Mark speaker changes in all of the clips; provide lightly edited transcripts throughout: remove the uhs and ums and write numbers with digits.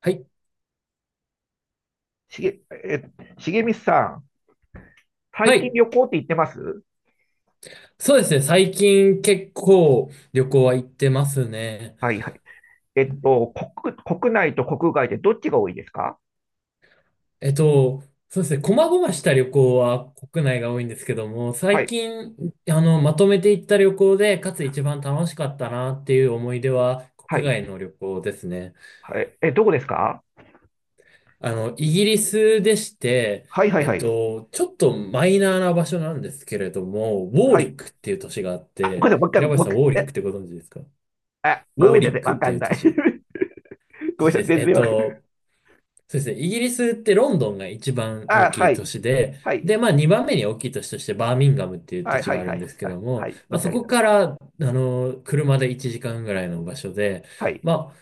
Speaker 1: はい。
Speaker 2: しげ、え、しげみさん、
Speaker 1: は
Speaker 2: 最近
Speaker 1: い。
Speaker 2: 旅行って行ってます
Speaker 1: そうですね。最近結構旅行は行ってますね。
Speaker 2: はいはい。えっと、国内と国外でどっちが多いですか？
Speaker 1: えっと、そうですね。細々した旅行は国内が多いんですけども、
Speaker 2: は
Speaker 1: 最
Speaker 2: い、
Speaker 1: 近、まとめて行った旅行で、かつ一番楽しかったなっていう思い出は、
Speaker 2: は
Speaker 1: 国
Speaker 2: い、
Speaker 1: 外の旅行ですね。
Speaker 2: はい。え、どこですか？
Speaker 1: イギリスでして、
Speaker 2: はいはいはい。
Speaker 1: ちょっとマイナーな場所なんですけれども、ウォー
Speaker 2: は
Speaker 1: リ
Speaker 2: い。
Speaker 1: ックっていう都市があっ
Speaker 2: あ、ごめ
Speaker 1: て、
Speaker 2: んなさい、も
Speaker 1: 平林
Speaker 2: う一
Speaker 1: さん、
Speaker 2: 回。
Speaker 1: ウォーリックってご存知ですか？ウ
Speaker 2: あ、ご
Speaker 1: ォー
Speaker 2: めんな
Speaker 1: リ
Speaker 2: さ
Speaker 1: ッ
Speaker 2: い、
Speaker 1: クっ
Speaker 2: わ
Speaker 1: て
Speaker 2: か
Speaker 1: い
Speaker 2: ん
Speaker 1: う
Speaker 2: な
Speaker 1: 都
Speaker 2: い。
Speaker 1: 市。
Speaker 2: ご
Speaker 1: そ
Speaker 2: め
Speaker 1: し
Speaker 2: んな
Speaker 1: て
Speaker 2: さ
Speaker 1: で
Speaker 2: い、
Speaker 1: す。
Speaker 2: 全然わかんない。
Speaker 1: そうですね。イギリスってロンドンが一番
Speaker 2: あ、
Speaker 1: 大き
Speaker 2: は
Speaker 1: い都
Speaker 2: い、
Speaker 1: 市で、
Speaker 2: はい、
Speaker 1: で、2番目に大きい都市としてバーミンガムっていう
Speaker 2: は
Speaker 1: 土
Speaker 2: い、
Speaker 1: 地
Speaker 2: は
Speaker 1: が
Speaker 2: い、
Speaker 1: あ
Speaker 2: は
Speaker 1: るんで
Speaker 2: い、
Speaker 1: すけ
Speaker 2: はい、
Speaker 1: ど
Speaker 2: は
Speaker 1: も、
Speaker 2: い、存じ
Speaker 1: そ
Speaker 2: 上げ
Speaker 1: こ
Speaker 2: た。
Speaker 1: から、車で1時間ぐらいの場所で、
Speaker 2: はい、
Speaker 1: ま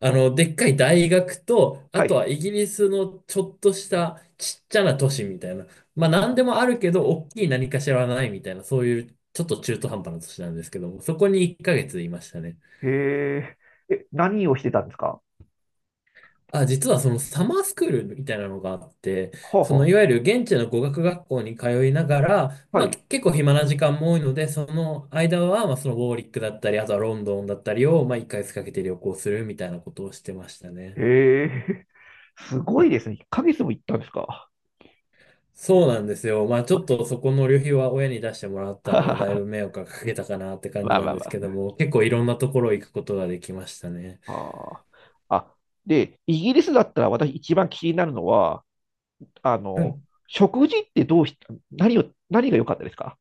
Speaker 1: あ、でっかい大学と、あ
Speaker 2: は
Speaker 1: と
Speaker 2: い。
Speaker 1: はイギリスのちょっとしたちっちゃな都市みたいな、何でもあるけど、大きい何かしらはないみたいな、そういうちょっと中途半端な都市なんですけども、そこに1ヶ月いましたね。
Speaker 2: へえ、何をしてたんですか？
Speaker 1: あ、実はそのサマースクールみたいなのがあって、
Speaker 2: はあ、
Speaker 1: その
Speaker 2: は
Speaker 1: いわゆる現地の語学学校に通いながら、
Speaker 2: あ、は
Speaker 1: まあけ
Speaker 2: い。
Speaker 1: 結構暇な時間も多いので、その間はそのウォーリックだったり、あとはロンドンだったりを1ヶ月かけて旅行するみたいなことをしてましたね。
Speaker 2: へえ、すごいですね。1ヶ月も行ったんですか。
Speaker 1: そうなんですよ。ちょっとそこの旅費は親に出してもらった
Speaker 2: は
Speaker 1: の
Speaker 2: はは
Speaker 1: で、だいぶ
Speaker 2: は。
Speaker 1: 迷惑がかけたかなって 感
Speaker 2: ま
Speaker 1: じ
Speaker 2: あ
Speaker 1: な
Speaker 2: ま
Speaker 1: ん
Speaker 2: あ
Speaker 1: で
Speaker 2: ま
Speaker 1: すけど
Speaker 2: あ。
Speaker 1: も、結構いろんなところ行くことができましたね。
Speaker 2: あー、あ。で、イギリスだったら私一番気になるのは、あの、食事ってどうし、何を、何が良かったですか？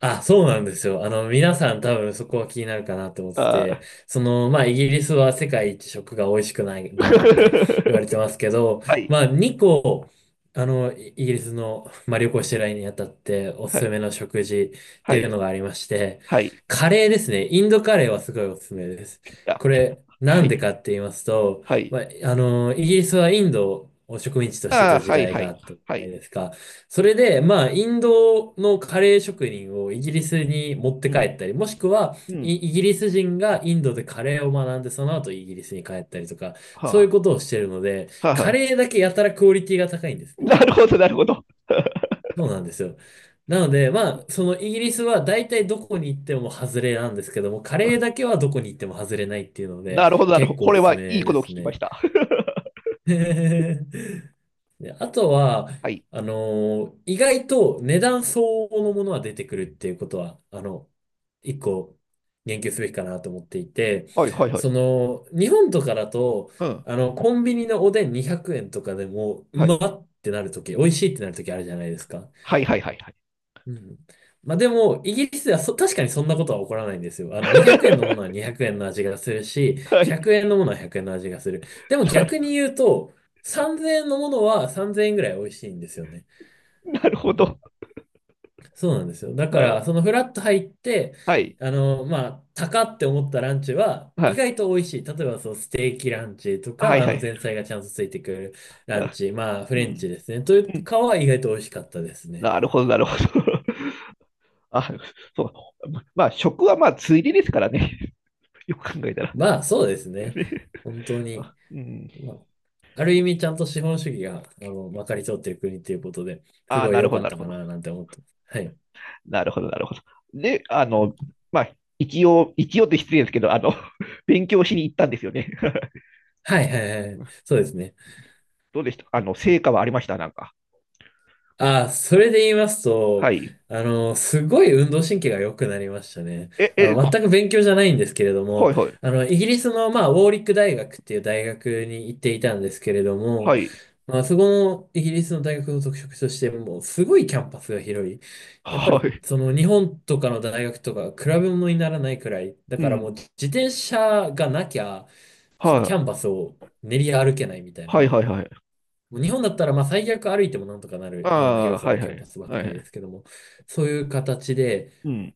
Speaker 1: あ、そうなんですよ。皆さん多分そこは気になるかなと思って
Speaker 2: あ
Speaker 1: て、
Speaker 2: ー
Speaker 1: イギリスは世界一食が美味しくないん だなんて言われてますけど、
Speaker 2: はい、
Speaker 1: 2個、イギリスの、旅行してる間にあたっておす
Speaker 2: は
Speaker 1: す
Speaker 2: い、
Speaker 1: めの食事っ
Speaker 2: は
Speaker 1: ていう
Speaker 2: い、
Speaker 1: のがありまして、
Speaker 2: はい、
Speaker 1: カレーですね。インドカレーはすごいおすすめです。
Speaker 2: あ、
Speaker 1: これ、な
Speaker 2: は
Speaker 1: んで
Speaker 2: い、
Speaker 1: かって言いますと、
Speaker 2: はい、
Speaker 1: まあ、イギリスはインドを植民地として
Speaker 2: あ
Speaker 1: た
Speaker 2: ー、
Speaker 1: 時
Speaker 2: はい、
Speaker 1: 代
Speaker 2: は
Speaker 1: があ
Speaker 2: い、
Speaker 1: ったじ
Speaker 2: は
Speaker 1: ゃない
Speaker 2: い、
Speaker 1: ですか。それで、インドのカレー職人をイギリスに持って
Speaker 2: う
Speaker 1: 帰
Speaker 2: ん、
Speaker 1: ったり、もしくは
Speaker 2: う
Speaker 1: イ、
Speaker 2: ん、
Speaker 1: イギリス人がインドでカレーを学んで、その後イギリスに帰ったりとか、そういう
Speaker 2: は
Speaker 1: ことをしてるので、
Speaker 2: あ、はあ、は
Speaker 1: カ
Speaker 2: あ
Speaker 1: レーだけやたらクオリティが高いんで すね。
Speaker 2: なるほど、なるほど。
Speaker 1: そうなんですよ。なので、そのイギリスは大体どこに行っても外れなんですけども、カレーだ けはどこに行っても外れないっていうので、
Speaker 2: なるほど、なるほ
Speaker 1: 結
Speaker 2: ど。
Speaker 1: 構
Speaker 2: こ
Speaker 1: お
Speaker 2: れ
Speaker 1: すす
Speaker 2: はいい
Speaker 1: め
Speaker 2: こ
Speaker 1: で
Speaker 2: とを聞
Speaker 1: す
Speaker 2: きまし
Speaker 1: ね。
Speaker 2: た。
Speaker 1: で、あとは、
Speaker 2: はい、
Speaker 1: 意外と値段相応のものは出てくるっていうことは、一個言及すべきかなと思っていて、
Speaker 2: はい、はい、はい、
Speaker 1: 日本とかだと、
Speaker 2: うん、
Speaker 1: コンビニのおでん200円とかでも、う
Speaker 2: は
Speaker 1: ま
Speaker 2: い、
Speaker 1: っってなるとき、美味しいってなるときあるじゃないですか。
Speaker 2: はい、はい、はい、はい。
Speaker 1: うん。でも、イギリスでは確かにそんなことは起こらないんですよ。200円のものは 200円の味がするし、
Speaker 2: はい、
Speaker 1: 100円のものは100円の味がする。でも逆に言うと、3000円のものは3000円ぐらい美味しいんですよね。
Speaker 2: なるほ
Speaker 1: うん、
Speaker 2: ど。
Speaker 1: そうなんですよ。だから、
Speaker 2: あ、
Speaker 1: そのフラット入って、
Speaker 2: はい。
Speaker 1: 高って思ったランチは、
Speaker 2: は
Speaker 1: 意
Speaker 2: い。
Speaker 1: 外と美味しい。例えば、そう、ステーキランチと
Speaker 2: は
Speaker 1: か、
Speaker 2: いはい。
Speaker 1: 前菜がちゃんとついてくるラン
Speaker 2: あ、
Speaker 1: チ、フ
Speaker 2: う
Speaker 1: レン
Speaker 2: ん。
Speaker 1: チですね。とい
Speaker 2: う
Speaker 1: う
Speaker 2: ん。
Speaker 1: かは意外と美味しかったですね。
Speaker 2: なるほど、なるほど。あ、そう。まあ、食はまあ、ついでですからね。よく考えたら。
Speaker 1: そうです ね。
Speaker 2: ね、
Speaker 1: 本当に。
Speaker 2: あ、うん。
Speaker 1: まあ、ある意味ちゃんと資本主義が、まかり通っている国っていうことで、す
Speaker 2: あ、
Speaker 1: ごい
Speaker 2: なる
Speaker 1: 良
Speaker 2: ほ
Speaker 1: か
Speaker 2: ど、
Speaker 1: っ
Speaker 2: なる
Speaker 1: た
Speaker 2: ほ
Speaker 1: か
Speaker 2: ど。
Speaker 1: ななんて思ってます。はい。
Speaker 2: なるほど、なるほど。で、あの、まあ、一応って失礼ですけど、あの、勉強しに行ったんですよね。
Speaker 1: はいはいはい。そうですね。
Speaker 2: どうでしたあの、成果はありましたなんか？
Speaker 1: あ、それで言います
Speaker 2: は
Speaker 1: と、
Speaker 2: い。
Speaker 1: すごい運動神経が良くなりましたね。
Speaker 2: え、え、
Speaker 1: 全く勉強じゃないんですけれど
Speaker 2: は
Speaker 1: も、
Speaker 2: いはい。
Speaker 1: イギリスの、ウォーリック大学っていう大学に行っていたんですけれど
Speaker 2: は
Speaker 1: も、
Speaker 2: い。
Speaker 1: そこのイギリスの大学の特色として、もう、すごいキャンパスが広い。やっぱ
Speaker 2: は
Speaker 1: り、
Speaker 2: い。
Speaker 1: その、日本とかの大学とか、比べ物にならないくらい、だ
Speaker 2: う
Speaker 1: からもう、
Speaker 2: ん。
Speaker 1: 自転車がなきゃ、
Speaker 2: は
Speaker 1: キ
Speaker 2: い。
Speaker 1: ャンパスを練り歩けないみたいな。
Speaker 2: はいはいはい。
Speaker 1: もう日本だったら最悪歩いてもなんとかな
Speaker 2: あ
Speaker 1: るような
Speaker 2: あ、
Speaker 1: 広さ
Speaker 2: は
Speaker 1: の
Speaker 2: い
Speaker 1: キ
Speaker 2: は
Speaker 1: ャ
Speaker 2: い。
Speaker 1: ンパスばっ
Speaker 2: はい
Speaker 1: か
Speaker 2: は
Speaker 1: りで
Speaker 2: い。
Speaker 1: すけども、そういう形で、
Speaker 2: うん。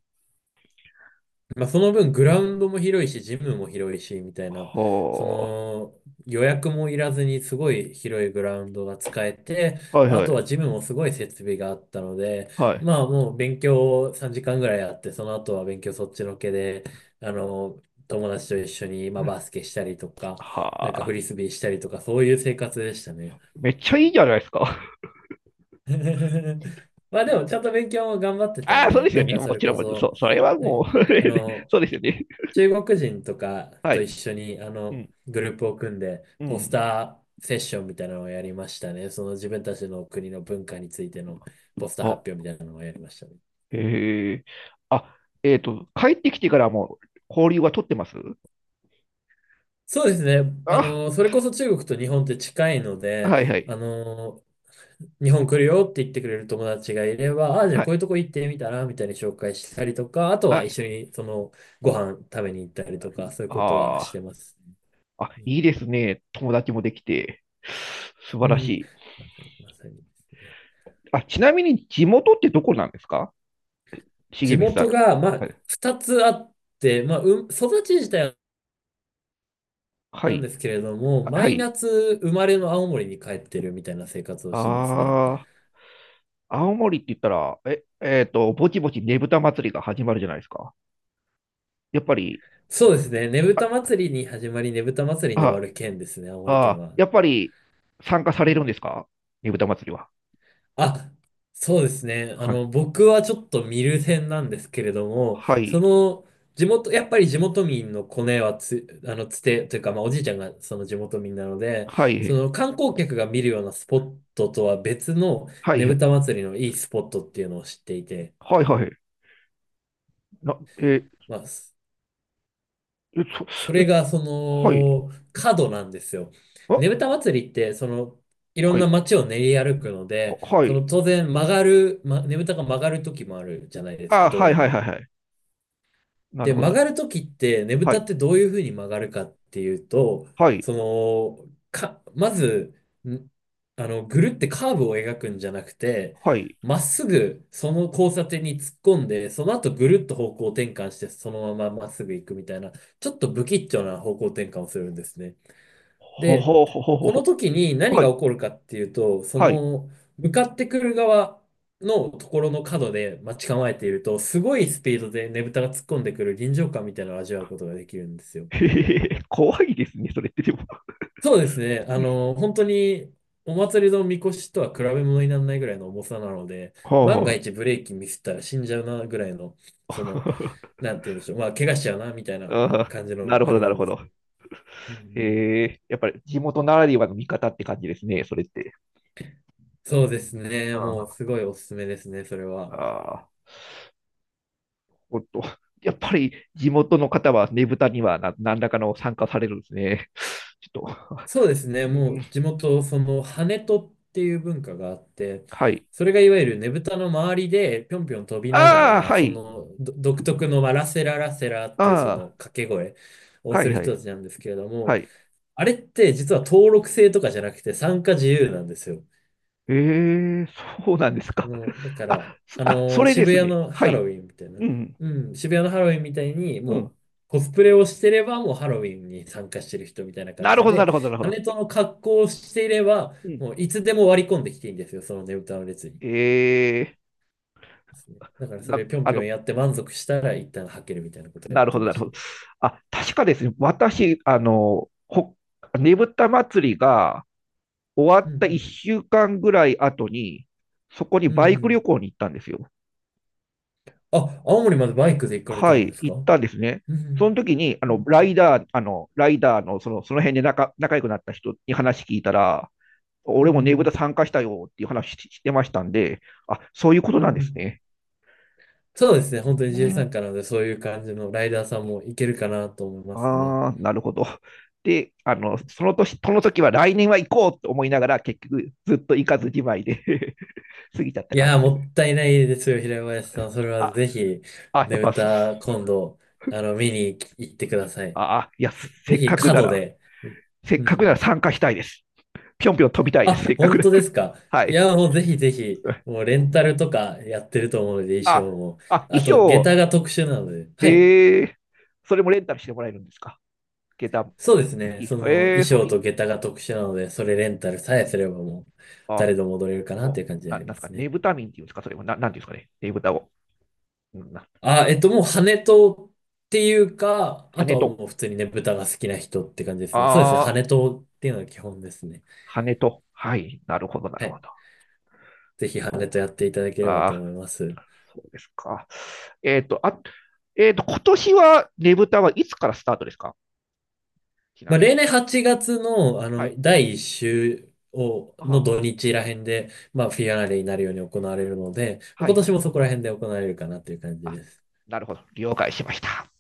Speaker 1: その分グラウンドも広いし、ジムも広いし、みたいな、そ
Speaker 2: は
Speaker 1: の予約もいらずにすごい広いグラウンドが使えて、
Speaker 2: あ。はい
Speaker 1: あ
Speaker 2: は
Speaker 1: と
Speaker 2: い。
Speaker 1: はジムもすごい設備があったので、
Speaker 2: はい。
Speaker 1: もう勉強を3時間ぐらいやって、その後は勉強そっちのけで、あの、友達と一緒にバスケしたりとか、
Speaker 2: は
Speaker 1: なんかフ
Speaker 2: あ。
Speaker 1: リスビーしたりとか、そういう生活でしたね。
Speaker 2: めっちゃいいじゃないですか。
Speaker 1: でも、ちゃんと勉強も頑張って たん
Speaker 2: ああ、そう
Speaker 1: で、
Speaker 2: です
Speaker 1: な
Speaker 2: よ
Speaker 1: ん
Speaker 2: ね。
Speaker 1: かそれこ
Speaker 2: もちろん。そ
Speaker 1: そ、
Speaker 2: う、それは
Speaker 1: は
Speaker 2: も
Speaker 1: い、
Speaker 2: う
Speaker 1: あ の、
Speaker 2: そうですよね。
Speaker 1: 中国人とか
Speaker 2: は
Speaker 1: と
Speaker 2: い。
Speaker 1: 一緒に、
Speaker 2: うん。
Speaker 1: グループを組んで、
Speaker 2: う
Speaker 1: ポス
Speaker 2: ん。
Speaker 1: ターセッションみたいなのをやりましたね。その自分たちの国の文化についてのポスター発表
Speaker 2: あ、
Speaker 1: みたいなのをやりましたね。
Speaker 2: へえ。あ、帰ってきてからも交流は取ってます
Speaker 1: そうですね。
Speaker 2: あ、
Speaker 1: それこそ中国と日本って近いので、
Speaker 2: はいはい。
Speaker 1: あの、日本来るよって言ってくれる友達がいれば、あ、じゃあ
Speaker 2: は
Speaker 1: こうい
Speaker 2: い。
Speaker 1: うとこ行ってみたらみたいに紹介したりとか、あと
Speaker 2: は
Speaker 1: は一
Speaker 2: い。
Speaker 1: 緒にそのご飯食べに行ったりとか、そういうことはし
Speaker 2: あ
Speaker 1: てます。
Speaker 2: あ。あ、いいですね。友達もできて。素
Speaker 1: う
Speaker 2: 晴らし
Speaker 1: ん。
Speaker 2: い。
Speaker 1: まさに、まさにですね。
Speaker 2: あ、ちなみに地元ってどこなんですか、重
Speaker 1: 地
Speaker 2: 光さん
Speaker 1: 元
Speaker 2: と？
Speaker 1: が、
Speaker 2: はい。
Speaker 1: 二つあって、育ち自体は
Speaker 2: は
Speaker 1: なん
Speaker 2: い。
Speaker 1: ですけれども、
Speaker 2: は
Speaker 1: 毎
Speaker 2: い。
Speaker 1: 夏生まれの青森に帰ってるみたいな生活をしてますね。
Speaker 2: ああ。青森って言ったら、ぼちぼちねぶた祭りが始まるじゃないですか。やっぱり、
Speaker 1: そうですね。ねぶた
Speaker 2: あ、
Speaker 1: 祭りに始まり、ねぶた祭りに終わ
Speaker 2: あ、
Speaker 1: る県ですね、青森県
Speaker 2: あ、
Speaker 1: は。
Speaker 2: やっぱり参加されるんですか、ねぶた祭りは？
Speaker 1: あ、そうですね。
Speaker 2: はい。
Speaker 1: 僕はちょっと見る線なんですけれども、
Speaker 2: はい、
Speaker 1: やっぱり地元民のコネはつ、あの、つて、というか、おじいちゃんがその地元民なので、
Speaker 2: は
Speaker 1: そ
Speaker 2: い、
Speaker 1: の観光客が見るようなスポットとは別の
Speaker 2: はい、
Speaker 1: ね
Speaker 2: は
Speaker 1: ぶ
Speaker 2: い、
Speaker 1: た祭りのいいスポットっていうのを知っていて、
Speaker 2: はい、はい。な、え
Speaker 1: まあ、そ
Speaker 2: ー、え、
Speaker 1: そ
Speaker 2: そ、
Speaker 1: れ
Speaker 2: え、
Speaker 1: が
Speaker 2: はい、
Speaker 1: 角なんですよ。
Speaker 2: あ、
Speaker 1: ねぶた祭りって、いろ
Speaker 2: は
Speaker 1: んな
Speaker 2: い、
Speaker 1: 街を練り歩くので、
Speaker 2: は
Speaker 1: そ
Speaker 2: い。
Speaker 1: の当然曲がる、ま、ねぶたが曲がる時もあるじゃないです
Speaker 2: あ、
Speaker 1: か、道
Speaker 2: はい、
Speaker 1: 路
Speaker 2: はい、は
Speaker 1: の。
Speaker 2: い、はい。なる
Speaker 1: で、
Speaker 2: ほど、
Speaker 1: 曲
Speaker 2: なる
Speaker 1: がるときって、ねぶ
Speaker 2: ほ
Speaker 1: た
Speaker 2: ど。はい、
Speaker 1: ってどういうふうに曲がるかっていうと、
Speaker 2: はい、
Speaker 1: そまず、んぐるってカーブを描くんじゃなくて、
Speaker 2: はい。
Speaker 1: まっすぐその交差点に突っ込んで、その後ぐるっと方向転換して、そのまままっすぐ行くみたいな、ちょっと不吉祥な方向転換をするんですね。
Speaker 2: ほ
Speaker 1: で、
Speaker 2: ほほほほ
Speaker 1: この
Speaker 2: ほ。
Speaker 1: 時に何
Speaker 2: は
Speaker 1: が
Speaker 2: い、
Speaker 1: 起こるかっていうと、
Speaker 2: はい。
Speaker 1: 向かってくる側のところの角で待ち構えていると、すごいスピードでねぶたが突っ込んでくる臨場感みたいなのを味わうことができるんです よ。
Speaker 2: へへへ、怖いですね、それってでも。
Speaker 1: そうですね。本当に、お祭りのみこしとは比べ物にならないぐらいの重さなので、万が
Speaker 2: は
Speaker 1: 一ブレーキミスったら死んじゃうなぐらいの、
Speaker 2: あ、
Speaker 1: その、
Speaker 2: は
Speaker 1: なんて言うんでしょう。怪我しちゃうなみたい
Speaker 2: あ。
Speaker 1: な
Speaker 2: ああ、
Speaker 1: 感じ
Speaker 2: な
Speaker 1: の
Speaker 2: るほ
Speaker 1: あ
Speaker 2: ど、
Speaker 1: れ
Speaker 2: な
Speaker 1: な
Speaker 2: る
Speaker 1: ん
Speaker 2: ほ
Speaker 1: で
Speaker 2: ど。
Speaker 1: す。うんうん、
Speaker 2: へえ、やっぱり地元ならではの見方って感じですね、それって。
Speaker 1: そうですね。
Speaker 2: うん、
Speaker 1: もう
Speaker 2: あ
Speaker 1: すごいおすすめですね、それは。
Speaker 2: あ、ほんと。やっぱり地元の方はねぶたにはな何らかの参加されるんですね。ちょっと、
Speaker 1: そうですね。
Speaker 2: う
Speaker 1: も
Speaker 2: ん、
Speaker 1: う地元、その跳人っていう文化があって、
Speaker 2: はい。
Speaker 1: それがいわゆるねぶたの周りでぴょんぴょん飛びなが
Speaker 2: ああ、
Speaker 1: ら、
Speaker 2: は
Speaker 1: そ
Speaker 2: い。
Speaker 1: の独特のラセララセラっていうそ
Speaker 2: あ
Speaker 1: の掛け声
Speaker 2: あ、
Speaker 1: を
Speaker 2: は
Speaker 1: す
Speaker 2: い、
Speaker 1: る
Speaker 2: はい、
Speaker 1: 人たちなんですけれど
Speaker 2: は
Speaker 1: も、
Speaker 2: い。
Speaker 1: あれって実は登録制とかじゃなくて参加自由なんですよ。
Speaker 2: ええ、そうなんですか。
Speaker 1: だから、
Speaker 2: それで
Speaker 1: 渋
Speaker 2: す
Speaker 1: 谷
Speaker 2: ね。
Speaker 1: の
Speaker 2: は
Speaker 1: ハロ
Speaker 2: い。
Speaker 1: ウィンみたい
Speaker 2: う
Speaker 1: な、
Speaker 2: ん、
Speaker 1: うん、渋谷のハロウィンみたいに、
Speaker 2: う
Speaker 1: も
Speaker 2: ん。
Speaker 1: う、コスプレをしてれば、もうハロウィンに参加してる人みたいな感
Speaker 2: なる
Speaker 1: じ
Speaker 2: ほど、なる
Speaker 1: で、
Speaker 2: ほど、なるほど。
Speaker 1: 羽との格好をしていれば、
Speaker 2: うん。
Speaker 1: もういつでも割り込んできていいんですよ、そのねぶたの列に。
Speaker 2: ええ、
Speaker 1: ですねだからそ
Speaker 2: な、
Speaker 1: れぴょん
Speaker 2: あ
Speaker 1: ぴょん
Speaker 2: の、
Speaker 1: やって満足したら一旦吐けるみたいなことをや
Speaker 2: な
Speaker 1: っ
Speaker 2: るほ
Speaker 1: て
Speaker 2: ど、
Speaker 1: ま
Speaker 2: なる
Speaker 1: し
Speaker 2: ほ
Speaker 1: た
Speaker 2: ど。
Speaker 1: ね。
Speaker 2: あ、確かですね、私、ねぶた祭りが終わ
Speaker 1: うん
Speaker 2: っ
Speaker 1: う
Speaker 2: た
Speaker 1: ん。
Speaker 2: 1週間ぐらい後に、そこに
Speaker 1: うん
Speaker 2: バイ
Speaker 1: う
Speaker 2: ク
Speaker 1: ん。
Speaker 2: 旅行に行ったんですよ。
Speaker 1: あ、青森までバイクで行かれ
Speaker 2: は
Speaker 1: たんで
Speaker 2: い、
Speaker 1: す
Speaker 2: 行
Speaker 1: か？
Speaker 2: っ
Speaker 1: うん
Speaker 2: たんですね。
Speaker 1: う
Speaker 2: その
Speaker 1: ん。
Speaker 2: 時に、
Speaker 1: うん
Speaker 2: ライダーの、その辺で仲良くなった人に話聞いたら、
Speaker 1: うん。
Speaker 2: 俺
Speaker 1: う
Speaker 2: も
Speaker 1: んう
Speaker 2: ねぶた
Speaker 1: ん。
Speaker 2: 参加したよっていう話ししてましたんで、あ、そういうこと
Speaker 1: う
Speaker 2: なん
Speaker 1: んう
Speaker 2: です
Speaker 1: ん。
Speaker 2: ね。
Speaker 1: そうですね。本当に
Speaker 2: う
Speaker 1: 自由参
Speaker 2: ん、
Speaker 1: 加なので、そういう感じのライダーさんもいけるかなと思いますね。
Speaker 2: ああ、なるほど。で、あの、その年、その時は来年は行こうと思いながら、結局ずっと行かずじまいで 過ぎちゃった
Speaker 1: い
Speaker 2: 感
Speaker 1: やー、
Speaker 2: じで
Speaker 1: も
Speaker 2: す。
Speaker 1: ったいないですよ、平林さん。それは
Speaker 2: あ、
Speaker 1: ぜひ、
Speaker 2: あ、やっ
Speaker 1: ねぶ
Speaker 2: ぱ、す
Speaker 1: た、今度、見に行ってください。
Speaker 2: あ、あいや、せ
Speaker 1: ぜ
Speaker 2: っ
Speaker 1: ひ、
Speaker 2: かくな
Speaker 1: 角
Speaker 2: ら、
Speaker 1: で。
Speaker 2: せ
Speaker 1: う
Speaker 2: っ
Speaker 1: んう
Speaker 2: かくなら
Speaker 1: ん。
Speaker 2: 参加したいです。ぴょんぴょん飛びたいで
Speaker 1: あ、
Speaker 2: す。せっかく
Speaker 1: 本
Speaker 2: なら。
Speaker 1: 当で すか？
Speaker 2: は
Speaker 1: い
Speaker 2: い。
Speaker 1: やー、もうぜひぜひ、もうレンタルとかやってると思うので、衣
Speaker 2: あ、
Speaker 1: 装も。
Speaker 2: 衣
Speaker 1: あと、下
Speaker 2: 装、
Speaker 1: 駄が特殊なので。
Speaker 2: え
Speaker 1: はい。
Speaker 2: ー、それもレンタルしてもらえるんですか、下駄も？
Speaker 1: そうですね。その、
Speaker 2: え
Speaker 1: 衣
Speaker 2: ー、そ
Speaker 1: 装
Speaker 2: れ、
Speaker 1: と下駄が特殊なので、それレンタルさえすればもう、
Speaker 2: あ、
Speaker 1: 誰でも踊れるかなってい
Speaker 2: も
Speaker 1: う感じ
Speaker 2: う、
Speaker 1: であ
Speaker 2: な
Speaker 1: り
Speaker 2: んで
Speaker 1: ま
Speaker 2: すか、
Speaker 1: す
Speaker 2: ね
Speaker 1: ね。
Speaker 2: ぶた民っていうんですか、それも、なんていうんですかね、ねぶたを。うんな
Speaker 1: あ、もう羽とっていうか、あ
Speaker 2: 羽
Speaker 1: とは
Speaker 2: と。
Speaker 1: もう普通にね、豚が好きな人って感じですね。そうですね。
Speaker 2: ああ、
Speaker 1: 羽とっていうのが基本ですね。
Speaker 2: 羽と。はい。なるほど、なる
Speaker 1: は
Speaker 2: ほ
Speaker 1: い。
Speaker 2: ど。
Speaker 1: ぜひ羽
Speaker 2: そ
Speaker 1: とやっていただけ
Speaker 2: う。
Speaker 1: れば
Speaker 2: あ
Speaker 1: と
Speaker 2: あ、
Speaker 1: 思います。
Speaker 2: そうですか。えっと、あ、えっと、今年はねぶたはいつからスタートですか、ちなみに？
Speaker 1: 例年8月の、
Speaker 2: はい。
Speaker 1: 第1週を、
Speaker 2: あ
Speaker 1: の
Speaker 2: あ、
Speaker 1: 土日ら辺で、フィアナーレになるように行われるので、
Speaker 2: はい
Speaker 1: 今
Speaker 2: は
Speaker 1: 年
Speaker 2: い。
Speaker 1: もそこら辺で行われるかなという感じ
Speaker 2: あ、
Speaker 1: です。
Speaker 2: なるほど。了解しました。